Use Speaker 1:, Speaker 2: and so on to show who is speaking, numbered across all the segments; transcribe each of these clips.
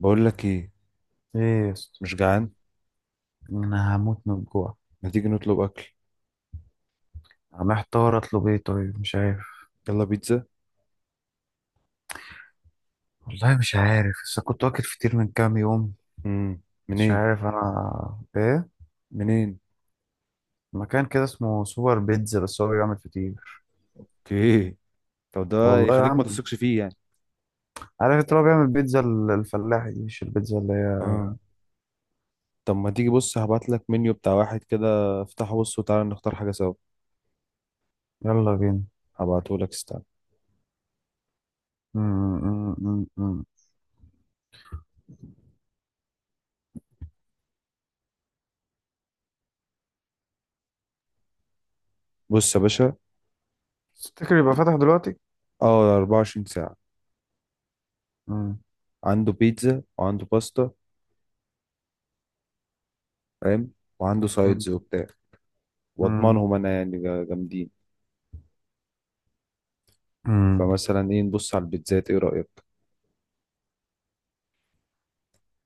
Speaker 1: بقول لك ايه.
Speaker 2: ايه يا اسطى؟
Speaker 1: مش جعان.
Speaker 2: انا هموت من الجوع.
Speaker 1: ما تيجي نطلب اكل؟
Speaker 2: محتار اطلب ايه؟ طيب مش عارف.
Speaker 1: يلا بيتزا.
Speaker 2: والله مش عارف بس كنت واكل فطير من كام يوم.
Speaker 1: امم
Speaker 2: مش
Speaker 1: منين؟
Speaker 2: عارف انا ايه.
Speaker 1: منين
Speaker 2: مكان كده اسمه سوبر بيتزا بس هو بيعمل فطير.
Speaker 1: اوكي. طب ده.
Speaker 2: والله يا
Speaker 1: يخليك ما
Speaker 2: عم.
Speaker 1: تثقش فيه يعني.
Speaker 2: عارف انت لو بيعمل بيتزا الفلاحي دي مش البيتزا اللي هي.
Speaker 1: اه. طب ما تيجي، بص، هبعت لك منيو بتاع واحد كده. افتحه، بص وتعالى نختار حاجه سوا.
Speaker 2: يلا بينا.
Speaker 1: هبعته لك، استنى.
Speaker 2: م- م- م- م- م.
Speaker 1: بص يا باشا.
Speaker 2: تفتكر يبقى فاتح دلوقتي؟
Speaker 1: اه، 24 ساعه.
Speaker 2: م-
Speaker 1: عنده بيتزا وعنده باستا، فاهم، وعنده
Speaker 2: م-
Speaker 1: سايدز وبتاع.
Speaker 2: م-
Speaker 1: واضمنهم انا يعني جامدين.
Speaker 2: م.
Speaker 1: فمثلا ايه، نبص على البيتزات؟ ايه رايك؟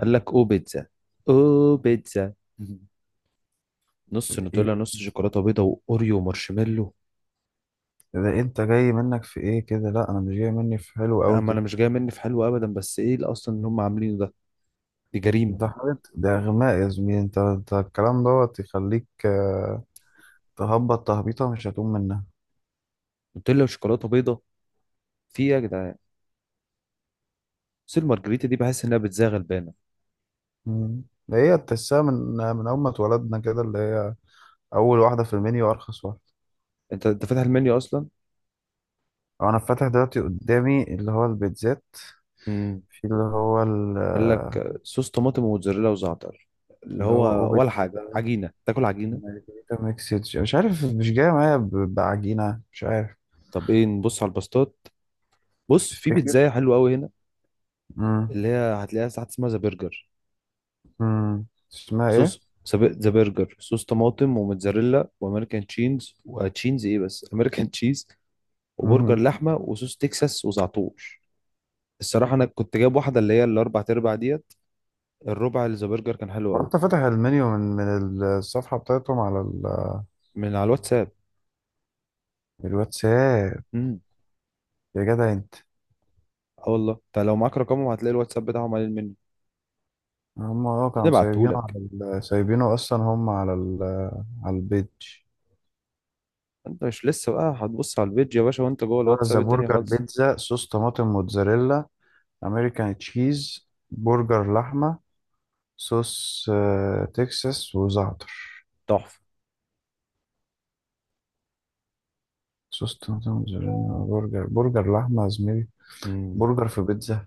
Speaker 1: قال لك او بيتزا. او بيتزا. نص
Speaker 2: ايه.
Speaker 1: نوتيلا، نص شوكولاته بيضه، واوريو، ومارشميلو.
Speaker 2: ده انت جاي منك في ايه كده؟ لا انا مش جاي مني في حلو
Speaker 1: لا،
Speaker 2: قوي
Speaker 1: ما انا
Speaker 2: كده.
Speaker 1: مش جاي مني في حلو ابدا، بس ايه اللي هم عاملينه ده؟ دي جريمه.
Speaker 2: ده حاجة، ده غماء يا زميلي. انت الكلام دوت يخليك تهبط تهبيطة مش هتقوم منها.
Speaker 1: نوتيلا وشوكولاته بيضه، في إيه يا جدعان؟ بس المارجريتا دي بحس انها بتزاغ البانه.
Speaker 2: مم. ده هي تحسها من أول ما اتولدنا كده، اللي هي أول واحدة في المنيو أرخص واحدة.
Speaker 1: انت فاتح المنيو اصلا؟
Speaker 2: أنا فاتح دلوقتي قدامي اللي هو البيتزات.
Speaker 1: امم
Speaker 2: في اللي هو
Speaker 1: قال لك صوص طماطم وموتزاريلا وزعتر، اللي
Speaker 2: اللي هو
Speaker 1: هو ولا
Speaker 2: أوبيت،
Speaker 1: حاجه، عجينه تاكل عجينه.
Speaker 2: مارجريتا ميكسيتش مش عارف، مش جاية معايا بعجينة، مش عارف.
Speaker 1: طب ايه، نبص على الباستات؟ بص، في
Speaker 2: تفتكر؟
Speaker 1: بيتزاية حلوه قوي هنا،
Speaker 2: مم.
Speaker 1: اللي هي هتلاقيها ساعات، اسمها ذا برجر.
Speaker 2: مم. اسمها إيه؟
Speaker 1: ذا برجر، صوص طماطم وموتزاريلا وامريكان تشيز، وتشيز ايه بس امريكان تشيز، وبرجر
Speaker 2: مم.
Speaker 1: لحمه، وصوص تكساس، وزعتور. الصراحه انا كنت جايب واحده، اللي هي الاربع تربع ديت. الربع اللي ذا برجر كان حلو قوي.
Speaker 2: وأنت فاتح المنيو من الصفحة بتاعتهم على
Speaker 1: من على الواتساب.
Speaker 2: الواتساب؟
Speaker 1: امم
Speaker 2: يا جدع انت.
Speaker 1: اه، والله، انت لو معاك رقمهم هتلاقي الواتساب بتاعهم قليل مني.
Speaker 2: هم اه كانوا سايبينه
Speaker 1: نبعتهولك.
Speaker 2: على سايبينه اصلا هم على على البيج.
Speaker 1: انت مش لسه بقى هتبص على الفيديو يا باشا وانت جوه
Speaker 2: اللي هو
Speaker 1: الواتساب
Speaker 2: ذا
Speaker 1: الدنيا
Speaker 2: برجر
Speaker 1: خالص.
Speaker 2: بيتزا، صوص طماطم موتزاريلا، امريكان تشيز، برجر لحمه، صوص تكساس وزعتر.
Speaker 1: تحفه.
Speaker 2: صوص طماطم موتزاريلا. برجر لحمه يا زميلي.
Speaker 1: امم
Speaker 2: برجر في بيتزا،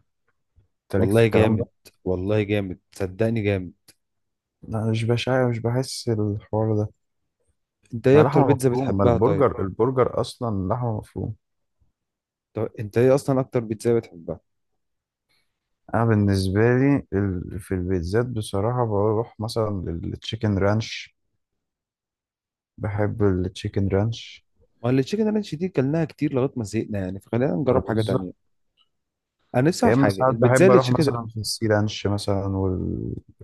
Speaker 2: انت ليك في
Speaker 1: والله
Speaker 2: الكلام ده.
Speaker 1: جامد. والله جامد، صدقني جامد.
Speaker 2: لا مش بشع، مش بحس الحوار ده.
Speaker 1: انت ايه
Speaker 2: ما
Speaker 1: اكتر
Speaker 2: لحمه
Speaker 1: بيتزا
Speaker 2: مفرومه، ما
Speaker 1: بتحبها طيب؟
Speaker 2: البرجر اصلا لحمه مفرومه.
Speaker 1: طب انت ايه اصلا اكتر بيتزا بتحبها؟
Speaker 2: انا بالنسبه لي في البيتزات بصراحه بروح مثلا للتشيكن رانش. بحب التشيكن رانش.
Speaker 1: ما اللي تشيكن رانش دي كلناها كتير لغايه ما زهقنا يعني، فخلينا نجرب حاجه تانية.
Speaker 2: بالظبط.
Speaker 1: انا نفسي
Speaker 2: يا
Speaker 1: اعرف
Speaker 2: اما
Speaker 1: حاجه،
Speaker 2: ساعات
Speaker 1: البيتزا
Speaker 2: بحب
Speaker 1: اللي
Speaker 2: اروح
Speaker 1: تشيكن.
Speaker 2: مثلا في السي رانش مثلا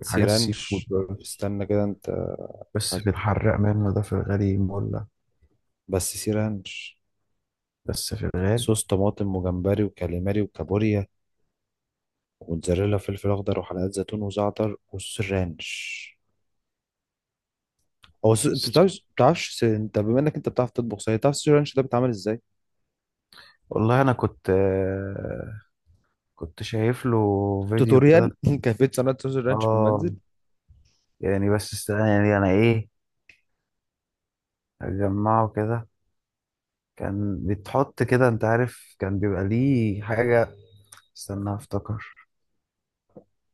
Speaker 1: سي
Speaker 2: السي فود
Speaker 1: رانش؟
Speaker 2: برضه.
Speaker 1: استنى كده انت.
Speaker 2: بس
Speaker 1: حد.
Speaker 2: في الحراق منه ده، في الغالي مولع.
Speaker 1: بس سي رانش؟
Speaker 2: بس في الغالي.
Speaker 1: صوص طماطم، وجمبري، وكاليماري، وكابوريا، وموتزاريلا، وفلفل اخضر، وحلقات زيتون، وزعتر، والسي رانش. انت بتعرفش انت بما انك انت بتعرف تطبخ صحيح، تعرف السي رانش ده بيتعمل ازاي؟
Speaker 2: والله انا كنت كنت شايف له فيديو كده.
Speaker 1: توتوريال. كيفيه صناعه صوص الرانش في
Speaker 2: اه
Speaker 1: المنزل.
Speaker 2: يعني، بس استنى يعني انا ايه، اجمعه كده. كان بيتحط كده، انت عارف، كان بيبقى ليه حاجة. استنى افتكر.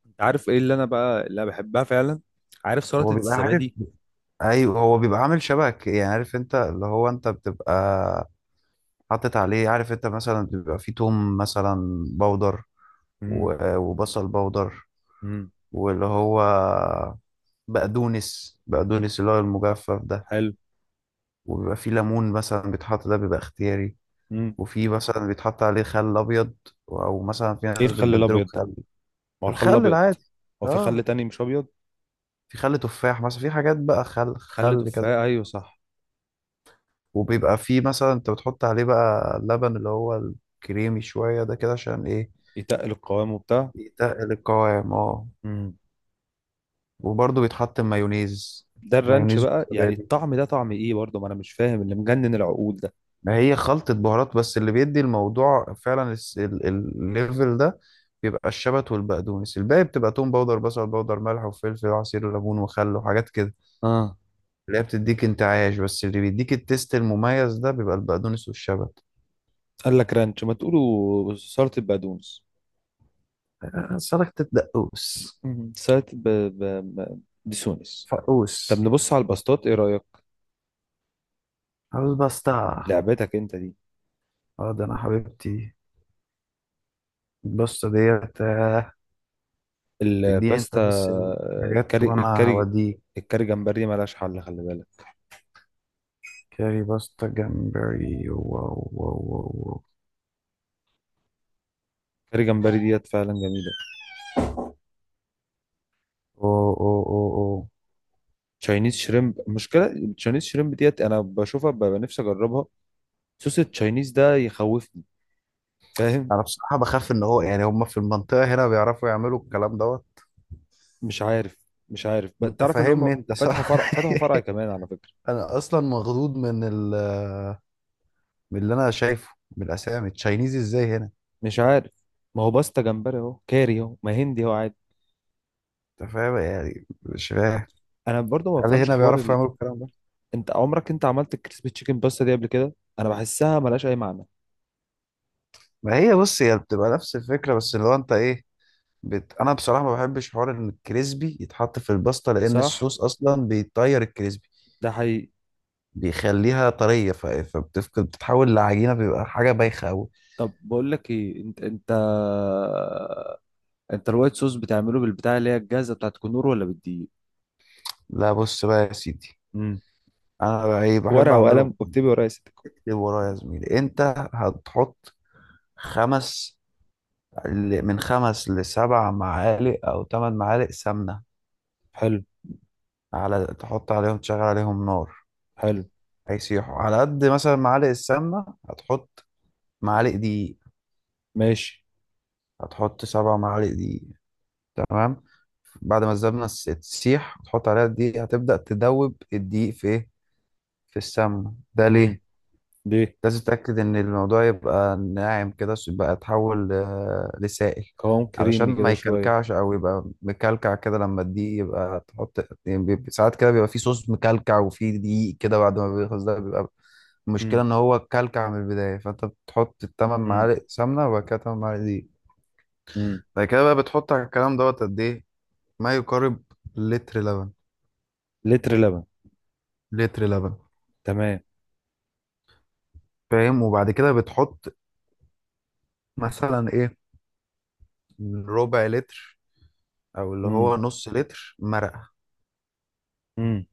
Speaker 1: انت عارف ايه اللي انا بقى اللي أنا بحبها فعلا؟ عارف سلطه
Speaker 2: هو بيبقى عارف.
Speaker 1: الزبادي؟
Speaker 2: ايوه هو بيبقى عامل شبك يعني، عارف انت اللي هو، انت بتبقى حاطط عليه، عارف انت، مثلا بيبقى فيه توم مثلا بودر
Speaker 1: امم
Speaker 2: وبصل بودر،
Speaker 1: امم
Speaker 2: واللي هو بقدونس اللي هو المجفف ده.
Speaker 1: حلو.
Speaker 2: وبيبقى فيه ليمون مثلا بيتحط، ده بيبقى اختياري.
Speaker 1: امم
Speaker 2: وفي مثلا بيتحط عليه خل ابيض، او مثلا في
Speaker 1: ايه
Speaker 2: ناس
Speaker 1: الخل
Speaker 2: بتبدله
Speaker 1: الابيض ده؟
Speaker 2: بخل.
Speaker 1: ما هو الخل
Speaker 2: الخل
Speaker 1: الابيض.
Speaker 2: العادي.
Speaker 1: هو في خل
Speaker 2: اه،
Speaker 1: تاني مش ابيض؟
Speaker 2: في خل تفاح مثلا، في حاجات بقى، خل
Speaker 1: خل
Speaker 2: خل كذا.
Speaker 1: تفاح، ايوه صح.
Speaker 2: وبيبقى فيه مثلا انت بتحط عليه بقى اللبن اللي هو الكريمي شوية ده، كده عشان ايه.
Speaker 1: يتقل القوام وبتاع.
Speaker 2: يتقل القوام، اه.
Speaker 1: امم
Speaker 2: وبرضه بيتحط مايونيز.
Speaker 1: ده الرانش
Speaker 2: مايونيز
Speaker 1: بقى يعني؟
Speaker 2: وزبادي.
Speaker 1: الطعم ده طعم ايه برضه؟ ما انا مش فاهم اللي مجنن العقول ده.
Speaker 2: ما هي خلطة بهارات بس، اللي بيدي الموضوع فعلا الليفل ده بيبقى الشبت والبقدونس. الباقي بتبقى توم باودر، بصل باودر، ملح وفلفل وعصير ليمون وخل وحاجات كده،
Speaker 1: اه.
Speaker 2: اللي هي بتديك انتعاش. بس اللي بيديك التيست المميز ده بيبقى البقدونس والشبت.
Speaker 1: قال لك رانش، ما تقولوا سلطة بقدونس.
Speaker 2: سلطة دقوس.
Speaker 1: سلطة بسونس. طب
Speaker 2: فقوس.
Speaker 1: نبص على الباستات، ايه رأيك؟
Speaker 2: عاوز بسطة.
Speaker 1: لعبتك انت دي.
Speaker 2: اه، ده انا حبيبتي. الباستا ديت، اديني انت
Speaker 1: الباستا
Speaker 2: بس الحاجات
Speaker 1: الكاري.
Speaker 2: وانا هوديك.
Speaker 1: الكاري جمبري ملهاش حل، خلي بالك.
Speaker 2: كاري باستا جمبري، واو واو واو واو.
Speaker 1: الكاري جمبري ديت فعلا جميلة.
Speaker 2: أو أو أو أو.
Speaker 1: تشاينيز شريمب. المشكله التشاينيز شريمب ديت انا بشوفها ببقى نفسي اجربها. صوص التشاينيز ده يخوفني، فاهم؟
Speaker 2: انا بصراحة بخاف ان هو يعني هم في المنطقة هنا بيعرفوا يعملوا الكلام دوت.
Speaker 1: مش عارف.
Speaker 2: انت
Speaker 1: تعرف ان هم
Speaker 2: فاهمني انت،
Speaker 1: فتحوا
Speaker 2: صح.
Speaker 1: فرع، كمان على فكره.
Speaker 2: انا اصلا مخضوض من من اللي انا شايفه من الاسامي التشاينيز ازاي هنا.
Speaker 1: مش عارف. ما هو باستا جمبري اهو، كاري اهو، ما هندي اهو عادي.
Speaker 2: انت فاهم يعني، مش فاهم.
Speaker 1: انا برضو ما
Speaker 2: هل
Speaker 1: بفهمش
Speaker 2: هنا
Speaker 1: حوار
Speaker 2: بيعرفوا يعملوا الكلام ده؟
Speaker 1: انت عمرك عملت الكريسبي تشيكن باستا دي قبل كده؟ انا بحسها ملهاش اي معنى.
Speaker 2: ما هي بص، هي بتبقى نفس الفكرة، بس لو انت ايه، انا بصراحه ما بحبش حوار ان الكريسبي يتحط في الباستا، لان
Speaker 1: صح،
Speaker 2: الصوص اصلا بيطير الكريسبي،
Speaker 1: ده حقيقي.
Speaker 2: بيخليها طريه، فبتفقد، بتتحول لعجينه، بيبقى حاجه بايخه قوي.
Speaker 1: طب بقول لك ايه، انت الوايت صوص بتعمله بالبتاع اللي هي الجاهزه بتاعت كنور، ولا بالدقيق؟
Speaker 2: لا بص بقى يا سيدي، انا بقى ايه بحب
Speaker 1: ورقة
Speaker 2: اعمله.
Speaker 1: وقلم واكتبي ورايا ست الكل.
Speaker 2: اكتب ورايا يا زميلي انت. هتحط خمس، من 5 ل7 معالق او 8 معالق سمنه.
Speaker 1: حلو.
Speaker 2: على، تحط عليهم، تشغل عليهم نار.
Speaker 1: حلو.
Speaker 2: هيسيحوا على قد مثلا معالق السمنه. هتحط معالق دقيق.
Speaker 1: ماشي.
Speaker 2: هتحط 7 معالق دقيق. تمام. بعد ما الزبدة تسيح وتحط عليها الدقيق، هتبدأ تدوب الدقيق في ايه، في السمنة. ده ليه؟
Speaker 1: امم ليه؟
Speaker 2: لازم تتأكد ان الموضوع يبقى ناعم كده، يبقى يتحول لسائل.
Speaker 1: قوام
Speaker 2: علشان
Speaker 1: كريمي
Speaker 2: ما
Speaker 1: كده شوية.
Speaker 2: يكلكعش او يبقى مكلكع كده. لما الدقيق يبقى تحط، يعني بيبقى- ساعات كده بيبقى فيه صوص مكلكع وفيه دقيق كده بعد ما بيخلص ده بيبقى. المشكلة
Speaker 1: امم
Speaker 2: ان هو كلكع من البداية. فانت بتحط التمن
Speaker 1: امم
Speaker 2: معالق سمنة وبعد كده 8 معالق دقيق.
Speaker 1: امم
Speaker 2: بعد كده بقى بتحط على الكلام دوت قد ايه؟ ما يقارب لتر لبن.
Speaker 1: لتر لبن.
Speaker 2: لتر لبن.
Speaker 1: تمام.
Speaker 2: فاهم. وبعد كده بتحط مثلا ايه، ربع لتر او اللي
Speaker 1: امم
Speaker 2: هو نص لتر مرقه.
Speaker 1: امم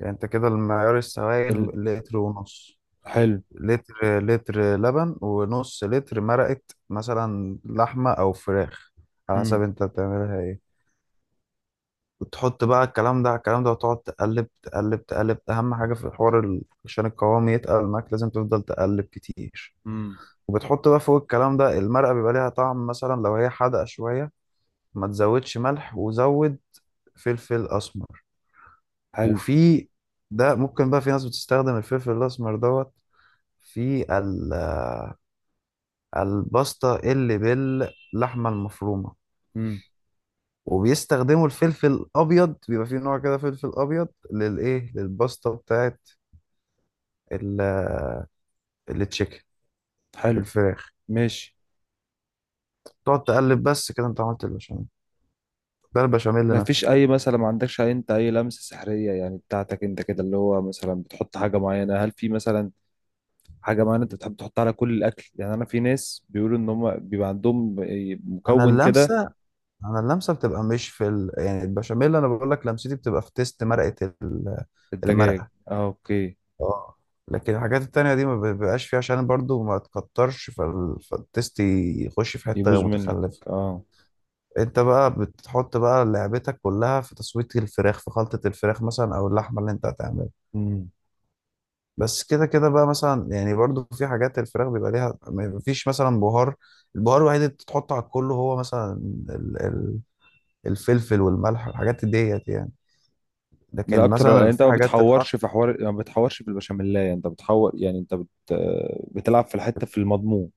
Speaker 2: يعني انت كده المعيار السوائل
Speaker 1: ال...
Speaker 2: لتر ونص.
Speaker 1: حلو.
Speaker 2: لتر لتر لبن ونص لتر مرقه. مثلا لحمه او فراخ، على حسب
Speaker 1: امم
Speaker 2: انت بتعملها ايه. وتحط بقى الكلام ده على الكلام ده، وتقعد تقلب تقلب تقلب. اهم حاجه في الحوار عشان القوام يتقل معاك لازم تفضل تقلب كتير.
Speaker 1: امم
Speaker 2: وبتحط بقى فوق الكلام ده المرقه. بيبقى ليها طعم مثلا، لو هي حادقه شويه ما تزودش ملح، وزود فلفل اسمر.
Speaker 1: حلو.
Speaker 2: وفي، ده ممكن بقى، في ناس بتستخدم الفلفل الاسمر دوت في الباستا اللي باللحمه المفرومه.
Speaker 1: امم
Speaker 2: وبيستخدموا الفلفل الابيض. بيبقى في نوع كده فلفل ابيض، للايه، للباستا بتاعت ال- التشيكن،
Speaker 1: حلو.
Speaker 2: الفراخ.
Speaker 1: ماشي.
Speaker 2: تقعد تقلب بس كده، انت عملت البشاميل. ده البشاميل
Speaker 1: ما فيش
Speaker 2: نفسه.
Speaker 1: اي مثلا، ما عندكش انت اي لمسة سحرية يعني بتاعتك انت كده، اللي هو مثلا بتحط حاجة معينة؟ هل في مثلا حاجة معينة انت بتحب تحطها على كل الاكل يعني؟ انا في ناس بيقولوا ان هم بيبقى عندهم
Speaker 2: انا
Speaker 1: مكون كده.
Speaker 2: اللمسه انا اللمسه بتبقى مش في يعني البشاميل، انا بقول لك لمستي بتبقى في تيست مرقه
Speaker 1: الدجاج،
Speaker 2: المرقه.
Speaker 1: اه، اوكي.
Speaker 2: اه. لكن الحاجات التانية دي ما بيبقاش فيها، عشان برضو ما تكترش فالتست يخش في
Speaker 1: يبوظ
Speaker 2: حتة
Speaker 1: منك.
Speaker 2: متخلفة.
Speaker 1: اه.
Speaker 2: انت بقى بتحط بقى لعبتك كلها في تسوية الفراخ، في خلطة الفراخ مثلا او اللحمة اللي انت هتعملها.
Speaker 1: امم
Speaker 2: بس كده كده بقى مثلا يعني، برضو في حاجات الفراخ بيبقى ليها. ما فيش مثلا بهار، البهار الوحيد اللي بتحطه على الكل هو مثلا ال- ال- الفلفل والملح، الحاجات ديت يعني.
Speaker 1: من
Speaker 2: لكن
Speaker 1: اكتر يعني،
Speaker 2: مثلا
Speaker 1: انت
Speaker 2: في
Speaker 1: ما
Speaker 2: حاجات
Speaker 1: بتحورش
Speaker 2: تتحط.
Speaker 1: في حوار، ما بتحورش في البشاميلايه انت بتحور يعني؟ انت بتلعب في الحته، في المضمون؟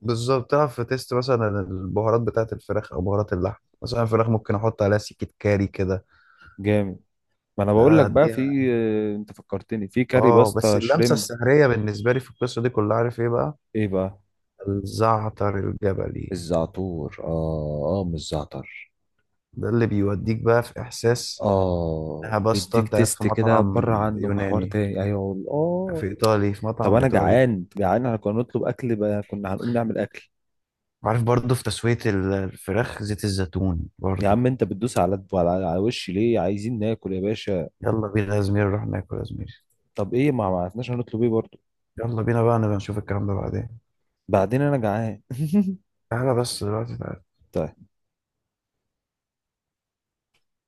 Speaker 2: بالظبط. تعرف في تيست مثلا البهارات بتاعة الفراخ او بهارات اللحم، مثلا الفراخ ممكن احط عليها سكة كاري كده.
Speaker 1: جامد. ما انا بقول لك بقى، في،
Speaker 2: اديها.
Speaker 1: انت فكرتني في كاري
Speaker 2: اه، بس
Speaker 1: باستا
Speaker 2: اللمسة
Speaker 1: شريم.
Speaker 2: السحرية بالنسبة لي في القصة دي كلها عارف ايه بقى؟
Speaker 1: ايه بقى؟
Speaker 2: الزعتر الجبلي.
Speaker 1: الزعتور، اه اه، مش زعتر.
Speaker 2: ده اللي بيوديك بقى في احساس
Speaker 1: اه،
Speaker 2: انها باستا،
Speaker 1: بيديك
Speaker 2: انت قاعد في
Speaker 1: تيست كده
Speaker 2: مطعم
Speaker 1: بره عنه، بحوار
Speaker 2: يوناني،
Speaker 1: تاني، ايوه.
Speaker 2: في ايطالي، في
Speaker 1: طب
Speaker 2: مطعم
Speaker 1: انا
Speaker 2: ايطالي.
Speaker 1: جعان، جعان، احنا كنا نطلب اكل بقى، كنا هنقوم نعمل اكل.
Speaker 2: عارف، برضه في تسوية الفراخ زيت الزيتون
Speaker 1: يا
Speaker 2: برضه.
Speaker 1: عم انت بتدوس على وشي ليه؟ عايزين ناكل يا باشا.
Speaker 2: يلا بينا يا زميلي نروح ناكل يا زميلي.
Speaker 1: طب ايه، ما عرفناش هنطلب ايه برضه.
Speaker 2: يلا بينا بقى نبقى نشوف الكلام ده بعدين.
Speaker 1: بعدين، انا جعان.
Speaker 2: تعالى بس دلوقتي، تعالى.
Speaker 1: طيب.